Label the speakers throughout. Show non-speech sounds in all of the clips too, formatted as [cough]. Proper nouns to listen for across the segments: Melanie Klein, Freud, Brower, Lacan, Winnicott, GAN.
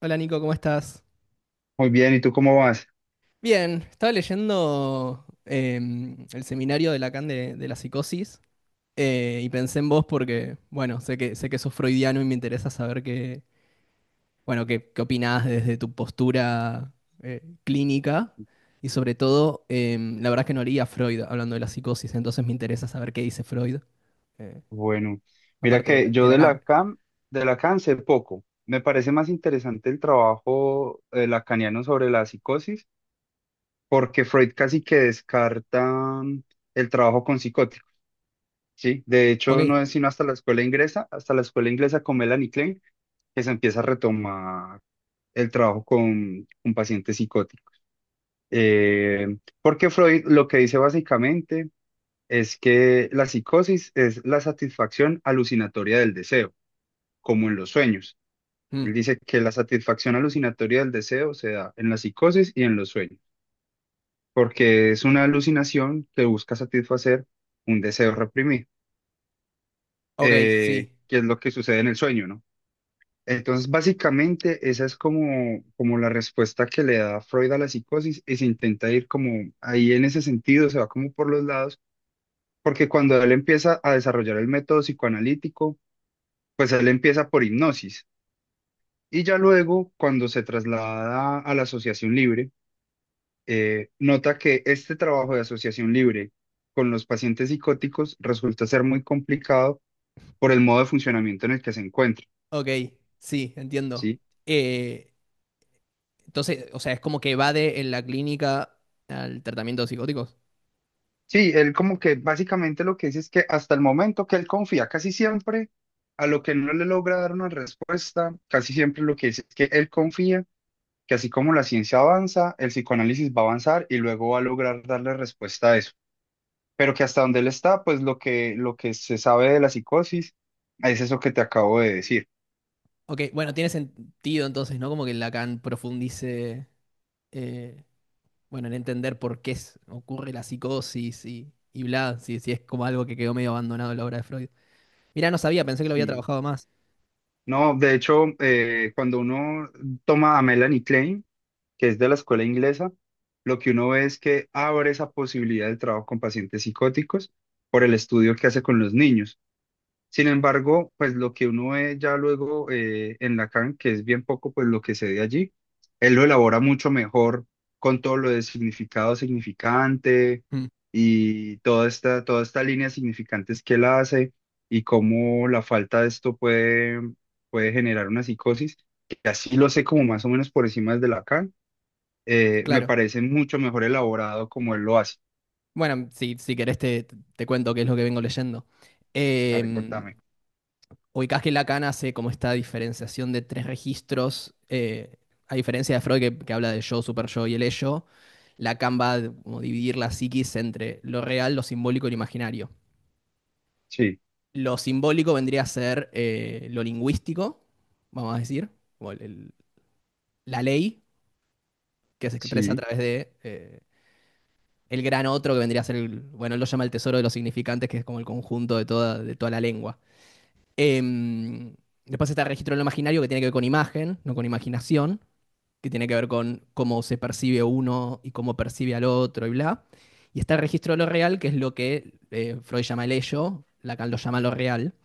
Speaker 1: Hola Nico, ¿cómo estás?
Speaker 2: Muy bien, ¿y tú cómo vas?
Speaker 1: Bien, estaba leyendo el seminario de Lacan de la psicosis, y pensé en vos porque, bueno, sé que sos freudiano y me interesa saber qué, bueno, qué opinás desde tu postura clínica, y sobre todo, la verdad es que no leía a Freud hablando de la psicosis, entonces me interesa saber qué dice Freud, eh,
Speaker 2: Bueno, mira
Speaker 1: aparte de,
Speaker 2: que
Speaker 1: de
Speaker 2: yo de la
Speaker 1: Lacan.
Speaker 2: CAM, de la CAM sé poco. Me parece más interesante el trabajo lacaniano sobre la psicosis, porque Freud casi que descarta mm, el trabajo con psicóticos, ¿sí? De hecho,
Speaker 1: Ok.
Speaker 2: no es sino hasta la escuela inglesa, hasta la escuela inglesa con Melanie Klein, que se empieza a retomar el trabajo con un paciente psicótico. Porque Freud lo que dice básicamente es que la psicosis es la satisfacción alucinatoria del deseo, como en los sueños.
Speaker 1: Mm.
Speaker 2: Él dice que la satisfacción alucinatoria del deseo se da en la psicosis y en los sueños, porque es una alucinación que busca satisfacer un deseo reprimido,
Speaker 1: Ok, sí.
Speaker 2: que es lo que sucede en el sueño, ¿no? Entonces, básicamente, esa es como, como la respuesta que le da Freud a la psicosis y se intenta ir como ahí en ese sentido, se va como por los lados, porque cuando él empieza a desarrollar el método psicoanalítico, pues él empieza por hipnosis y ya luego cuando se traslada a la asociación libre, nota que este trabajo de asociación libre con los pacientes psicóticos resulta ser muy complicado por el modo de funcionamiento en el que se encuentra,
Speaker 1: Ok, sí, entiendo.
Speaker 2: ¿sí?
Speaker 1: Eh, Entonces, o sea, es como que evade en la clínica al tratamiento de psicóticos.
Speaker 2: Sí, él como que básicamente lo que dice es que hasta el momento que él confía casi siempre a lo que no le logra dar una respuesta, casi siempre lo que dice es que él confía que así como la ciencia avanza, el psicoanálisis va a avanzar y luego va a lograr darle respuesta a eso. Pero que hasta donde él está, pues lo que se sabe de la psicosis es eso que te acabo de decir.
Speaker 1: Ok, bueno, tiene sentido entonces, ¿no? Como que Lacan profundice, eh, bueno, en entender por qué ocurre la psicosis y bla, si es como algo que quedó medio abandonado en la obra de Freud. Mirá, no sabía, pensé que lo había
Speaker 2: Sí.
Speaker 1: trabajado más.
Speaker 2: No, de hecho, cuando uno toma a Melanie Klein, que es de la escuela inglesa, lo que uno ve es que abre esa posibilidad de trabajo con pacientes psicóticos por el estudio que hace con los niños. Sin embargo, pues lo que uno ve ya luego en Lacan, que es bien poco, pues lo que se ve allí, él lo elabora mucho mejor con todo lo de significado significante
Speaker 1: Mm,
Speaker 2: y toda esta línea de significantes que él hace y cómo la falta de esto puede, puede generar una psicosis, que así lo sé como más o menos por encima de Lacan, me
Speaker 1: claro.
Speaker 2: parece mucho mejor elaborado como él lo hace.
Speaker 1: Bueno, si querés te cuento qué es lo que vengo leyendo.
Speaker 2: A ver,
Speaker 1: Em,
Speaker 2: contame.
Speaker 1: ubicás que Lacan hace como esta diferenciación de tres registros, a diferencia de Freud que habla del yo, superyo y el ello. Lacan va a como dividir la psiquis entre lo real, lo simbólico y lo imaginario.
Speaker 2: Sí,
Speaker 1: Lo simbólico vendría a ser lo lingüístico, vamos a decir, como la ley que se expresa a
Speaker 2: sí,
Speaker 1: través de el gran otro que vendría a ser, el, bueno, él lo llama el tesoro de los significantes, que es como el conjunto de toda la lengua. Em, después está el registro de lo imaginario, que tiene que ver con imagen, no con imaginación, que tiene que ver con cómo se percibe uno y cómo percibe al otro y bla. Y está el registro de lo real, que es lo que Freud llama el ello, Lacan lo llama lo real,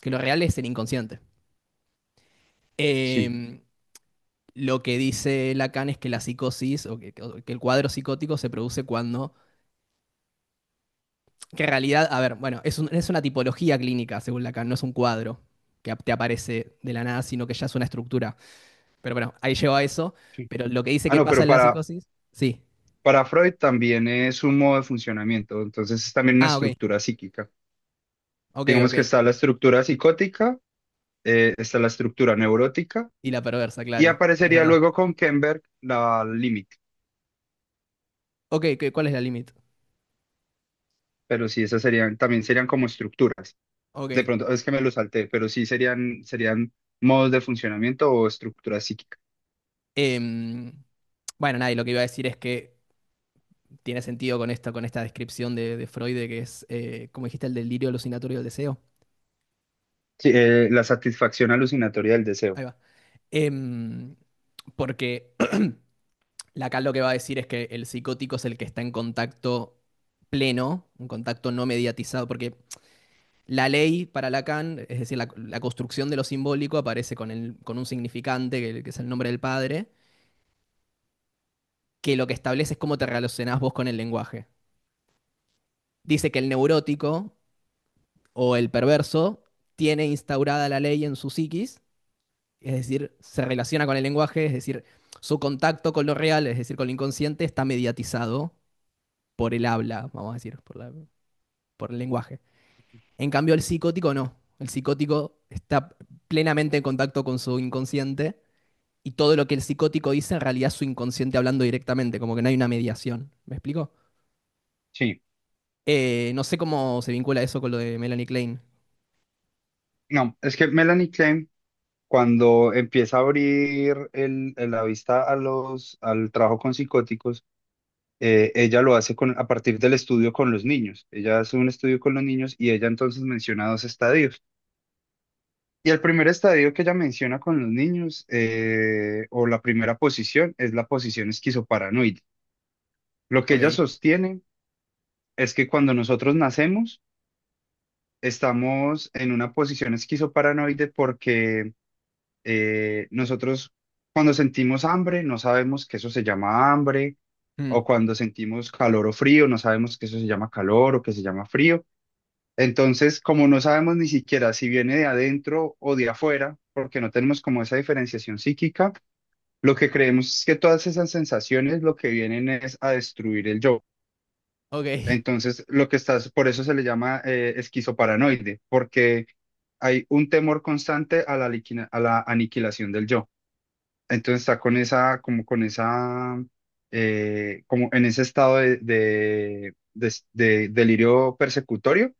Speaker 1: que lo real es el inconsciente.
Speaker 2: sí.
Speaker 1: Eh, lo que dice Lacan es que la psicosis o el cuadro psicótico se produce cuando, que en realidad, a ver, bueno, es una tipología clínica, según Lacan, no es un cuadro que te aparece de la nada, sino que ya es una estructura. Pero bueno, ahí llego a eso,
Speaker 2: Sí.
Speaker 1: pero lo que dice
Speaker 2: Ah,
Speaker 1: que
Speaker 2: no,
Speaker 1: pasa
Speaker 2: pero
Speaker 1: en la
Speaker 2: para,
Speaker 1: psicosis. Sí.
Speaker 2: Para Freud también es un modo de funcionamiento, entonces es también una
Speaker 1: Ah, ok,
Speaker 2: estructura psíquica.
Speaker 1: ok, ok.
Speaker 2: Digamos que está la estructura psicótica, está la estructura neurótica
Speaker 1: Y la perversa,
Speaker 2: y
Speaker 1: claro, es
Speaker 2: aparecería
Speaker 1: verdad.
Speaker 2: luego con Kenberg la límite.
Speaker 1: Ok, ¿qué- ¿cuál es la límite?
Speaker 2: Pero sí, esas serían, también serían como estructuras.
Speaker 1: Ok.
Speaker 2: De pronto, es que me lo salté, pero sí serían, serían modos de funcionamiento o estructura psíquica.
Speaker 1: Em, bueno, nada, y lo que iba a decir es que tiene sentido con esto, con esta descripción de Freud, de que es, como dijiste, el delirio alucinatorio del deseo.
Speaker 2: Sí, la satisfacción alucinatoria del
Speaker 1: Ahí
Speaker 2: deseo.
Speaker 1: va. Em, porque [clears throat] Lacan lo que va a decir es que el psicótico es el que está en contacto pleno, un contacto no mediatizado, porque la ley para Lacan, es decir, la construcción de lo simbólico aparece con, el, con un significante, que es el nombre del padre, que lo que establece es cómo te relacionás vos con el lenguaje. Dice que el neurótico o el perverso tiene instaurada la ley en su psiquis, es decir, se relaciona con el lenguaje, es decir, su contacto con lo real, es decir, con lo inconsciente, está mediatizado por el habla, vamos a decir, por el lenguaje. En cambio, el psicótico no. El psicótico está plenamente en contacto con su inconsciente, y todo lo que el psicótico dice en realidad es su inconsciente hablando directamente, como que no hay una mediación. ¿Me explico?
Speaker 2: Sí,
Speaker 1: No sé cómo se vincula eso con lo de Melanie Klein.
Speaker 2: no, es que Melanie Klein, cuando empieza a abrir la vista a los, al trabajo con psicóticos, ella lo hace con, a partir del estudio con los niños. Ella hace un estudio con los niños y ella entonces menciona dos estadios. Y el primer estadio que ella menciona con los niños, o la primera posición, es la posición esquizoparanoide. Lo que ella
Speaker 1: Ok.
Speaker 2: sostiene es que cuando nosotros nacemos, estamos en una posición esquizoparanoide porque nosotros cuando sentimos hambre no sabemos que eso se llama hambre,
Speaker 1: Mm.
Speaker 2: o cuando sentimos calor o frío no sabemos que eso se llama calor o que se llama frío. Entonces, como no sabemos ni siquiera si viene de adentro o de afuera, porque no tenemos como esa diferenciación psíquica, lo que creemos es que todas esas sensaciones lo que vienen es a destruir el yo.
Speaker 1: Ok. [laughs]
Speaker 2: Entonces, lo que estás, por eso se le llama esquizoparanoide, porque hay un temor constante a la a la aniquilación del yo. Entonces está con esa, como en ese estado de, de delirio persecutorio,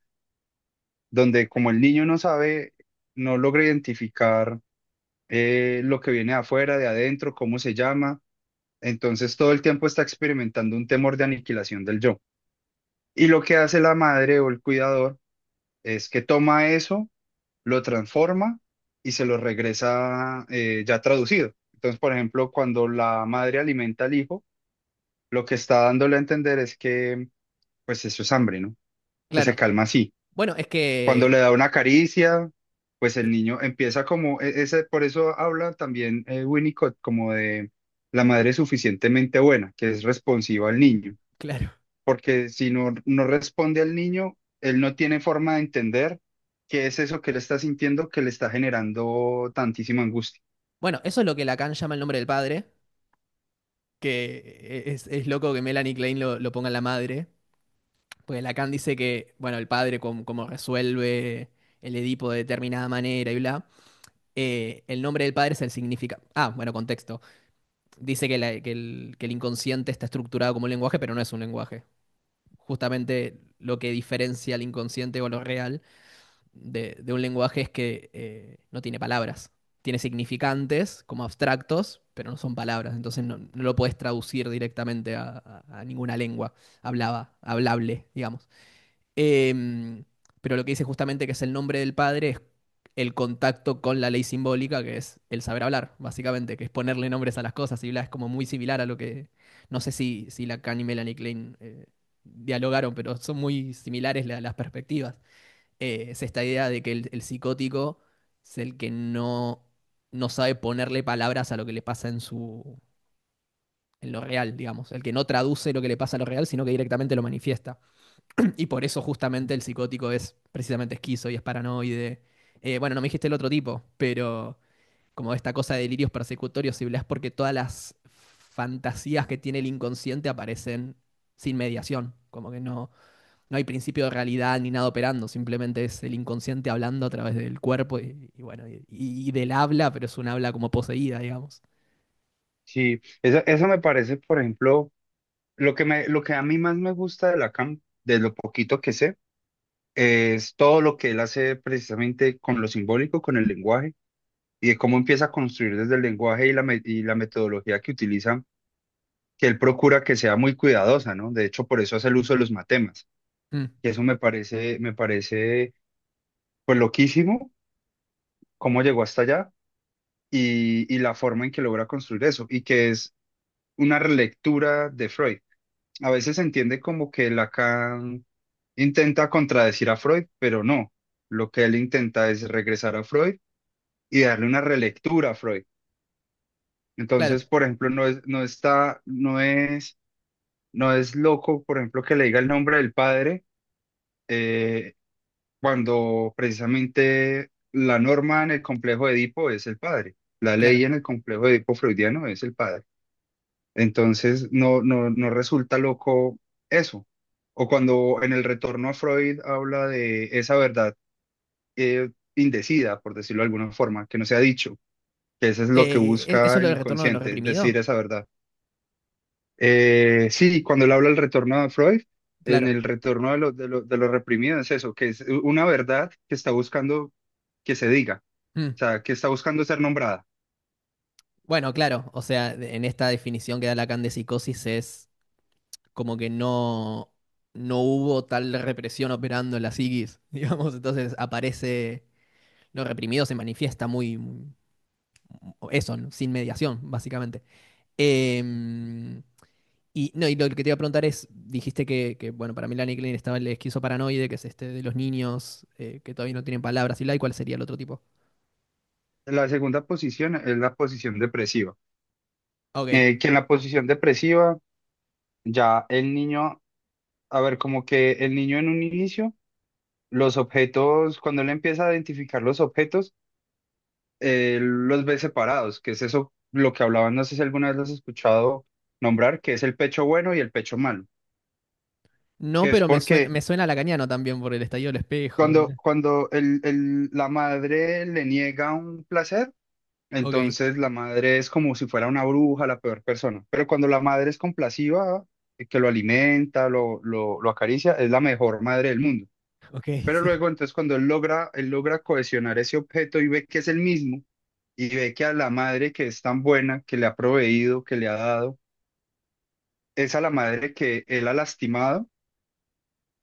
Speaker 2: donde como el niño no sabe, no logra identificar lo que viene de afuera, de adentro, cómo se llama, entonces todo el tiempo está experimentando un temor de aniquilación del yo. Y lo que hace la madre o el cuidador es que toma eso, lo transforma y se lo regresa ya traducido. Entonces, por ejemplo, cuando la madre alimenta al hijo, lo que está dándole a entender es que, pues eso es hambre, ¿no? Que se
Speaker 1: Claro.
Speaker 2: calma así.
Speaker 1: Bueno, es
Speaker 2: Cuando le
Speaker 1: que.
Speaker 2: da una caricia, pues el
Speaker 1: eh,
Speaker 2: niño empieza como, por eso habla también Winnicott como de la madre suficientemente buena, que es responsiva al niño,
Speaker 1: claro.
Speaker 2: porque si no, no responde al niño, él no tiene forma de entender qué es eso que él está sintiendo que le está generando tantísima angustia.
Speaker 1: Bueno, eso es lo que Lacan llama el nombre del padre. Que es loco que Melanie Klein lo ponga en la madre. Porque Lacan dice que, bueno, el padre, como, resuelve el Edipo de determinada manera y bla. El nombre del padre es el significado. Ah, bueno, contexto. Dice que, que el inconsciente está estructurado como un lenguaje, pero no es un lenguaje. Justamente lo que diferencia al inconsciente o lo real de un lenguaje es que no tiene palabras. Tiene significantes como abstractos, pero no son palabras. Entonces no, no lo puedes traducir directamente a ninguna lengua hablaba, hablable, digamos. Em, pero lo que dice justamente que es el nombre del padre es el contacto con la ley simbólica, que es el saber hablar, básicamente, que es ponerle nombres a las cosas y bla, es como muy similar a lo que, no sé si Lacan y Melanie Klein dialogaron, pero son muy similares las perspectivas. Es esta idea de que el psicótico es el que no, no sabe ponerle palabras a lo que le pasa en su, en lo real, digamos, el que no traduce lo que le pasa a lo real, sino que directamente lo manifiesta. Y por eso justamente el psicótico es precisamente esquizo y es paranoide. Bueno, no me dijiste el otro tipo, pero como esta cosa de delirios persecutorios y bla es porque todas las fantasías que tiene el inconsciente aparecen sin mediación, como que no, no hay principio de realidad ni nada operando, simplemente es el inconsciente hablando a través del cuerpo y bueno, y del habla, pero es un habla como poseída, digamos.
Speaker 2: Sí, eso me parece, por ejemplo, lo que a mí más me gusta de Lacan, de lo poquito que sé es todo lo que él hace precisamente con lo simbólico, con el lenguaje, y de cómo empieza a construir desde el lenguaje y y la metodología que utilizan, que él procura que sea muy cuidadosa, ¿no? De hecho, por eso hace el uso de los matemas,
Speaker 1: Mm,
Speaker 2: y eso me parece, pues, loquísimo, cómo llegó hasta allá y la forma en que logra construir eso, y que es una relectura de Freud. A veces se entiende como que Lacan intenta contradecir a Freud, pero no. Lo que él intenta es regresar a Freud y darle una relectura a Freud.
Speaker 1: claro,
Speaker 2: Entonces, por ejemplo, no es, no es loco, por ejemplo, que le diga el nombre del padre eh, cuando precisamente la norma en el complejo de Edipo es el padre. La
Speaker 1: claro.
Speaker 2: ley en el complejo de Edipo freudiano es el padre. Entonces, no resulta loco eso. O cuando en el retorno a Freud habla de esa verdad eh, indecida, por decirlo de alguna forma, que no se ha dicho, que eso es lo que
Speaker 1: ¿Eso
Speaker 2: busca
Speaker 1: es lo
Speaker 2: el
Speaker 1: del retorno de lo
Speaker 2: inconsciente, decir
Speaker 1: reprimido?
Speaker 2: esa verdad. Sí, cuando él habla del retorno de Freud, en
Speaker 1: Claro.
Speaker 2: el retorno de lo reprimido es eso, que es una verdad que está buscando que se diga,
Speaker 1: Mm.
Speaker 2: o sea, que está buscando ser nombrada.
Speaker 1: Bueno, claro, o sea, en esta definición que da Lacan de psicosis es como que no, no hubo tal represión operando en la psiquis, [laughs] digamos, entonces aparece, lo reprimido se manifiesta eso, ¿no? Sin mediación, básicamente. Em, y, no, y lo que te iba a preguntar es, dijiste bueno, para Melanie Klein estaba el esquizoparanoide, que es este de los niños que todavía no tienen palabras, y la, ¿y cuál sería el otro tipo?
Speaker 2: La segunda posición es la posición depresiva,
Speaker 1: Ok,
Speaker 2: que en la posición depresiva ya el niño, a ver, como que el niño en un inicio, los objetos, cuando él empieza a identificar los objetos, los ve separados, que es eso lo que hablaban, no sé si alguna vez los has escuchado nombrar, que es el pecho bueno y el pecho malo,
Speaker 1: no,
Speaker 2: que es
Speaker 1: pero
Speaker 2: porque
Speaker 1: me suena lacaniano también por el estallido del espejo. Y la-
Speaker 2: cuando la madre le niega un placer,
Speaker 1: Ok.
Speaker 2: entonces la madre es como si fuera una bruja, la peor persona, pero cuando la madre es compasiva, que lo alimenta, lo acaricia, es la mejor madre del mundo.
Speaker 1: Ok, [laughs]
Speaker 2: Pero
Speaker 1: sí.
Speaker 2: luego, entonces, cuando él logra cohesionar ese objeto y ve que es el mismo, y ve que a la madre que es tan buena, que le ha proveído, que le ha dado, es a la madre que él ha lastimado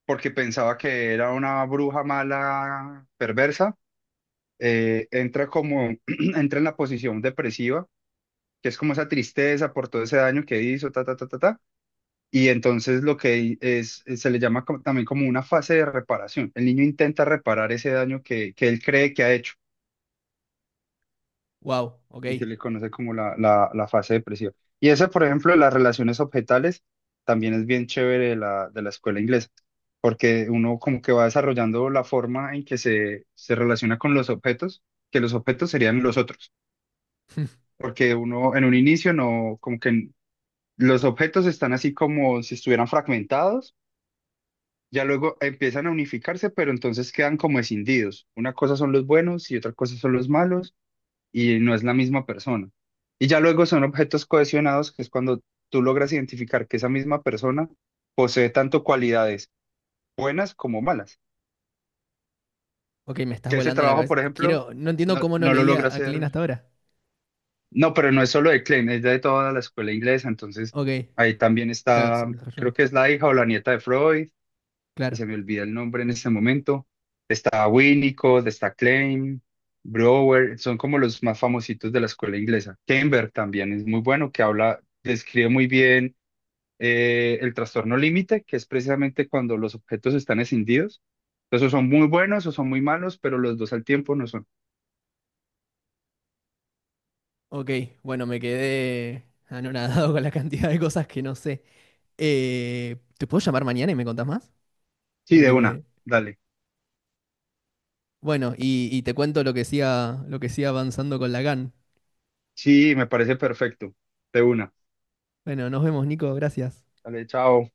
Speaker 2: porque pensaba que era una bruja mala, perversa, entra como, [clears throat] entra en la posición depresiva, que es como esa tristeza por todo ese daño que hizo, ta, ta, ta, ta, ta. Y entonces lo que es- se le llama también como una fase de reparación. El niño intenta reparar ese daño que él cree que ha hecho.
Speaker 1: Wow, ok.
Speaker 2: Y se le conoce como la fase depresiva. Y ese por ejemplo, de las relaciones objetales, también es bien chévere de de la escuela inglesa, porque uno como que va desarrollando la forma en que se relaciona con los objetos, que los objetos serían los otros,
Speaker 1: [laughs]
Speaker 2: porque uno en un inicio no, como que los objetos están así como si estuvieran fragmentados, ya luego empiezan a unificarse, pero entonces quedan como escindidos. Una cosa son los buenos y otra cosa son los malos y no es la misma persona. Y ya luego son objetos cohesionados, que es cuando tú logras identificar que esa misma persona posee tanto cualidades buenas como malas.
Speaker 1: Ok, me estás
Speaker 2: Que ese
Speaker 1: volando la
Speaker 2: trabajo,
Speaker 1: cabeza.
Speaker 2: por ejemplo,
Speaker 1: Quiero, no entiendo cómo no
Speaker 2: no lo logra
Speaker 1: leía a Klein
Speaker 2: hacer.
Speaker 1: hasta ahora.
Speaker 2: No, pero no es solo de Klein, es de toda la escuela inglesa. Entonces,
Speaker 1: Ok,
Speaker 2: ahí también
Speaker 1: claro, se
Speaker 2: está, creo
Speaker 1: desarrolló.
Speaker 2: que es la hija o la nieta de Freud y
Speaker 1: Claro.
Speaker 2: se me olvida el nombre en este momento. Está Winnicott, está Klein, Brower, son como los más famositos de la escuela inglesa. Kember también es muy bueno, que habla, describe muy bien el trastorno límite, que es precisamente cuando los objetos están escindidos. Entonces, o son muy buenos o son muy malos, pero los dos al tiempo no son.
Speaker 1: Ok, bueno, me quedé anonadado [laughs] con la cantidad de cosas que no sé. ¿Te puedo llamar mañana y me contás más?
Speaker 2: Sí, de
Speaker 1: Porque
Speaker 2: una,
Speaker 1: me...
Speaker 2: dale.
Speaker 1: Bueno, y te cuento lo que siga avanzando con la GAN.
Speaker 2: Sí, me parece perfecto. De una.
Speaker 1: Bueno, nos vemos, Nico, gracias.
Speaker 2: Dale, chao.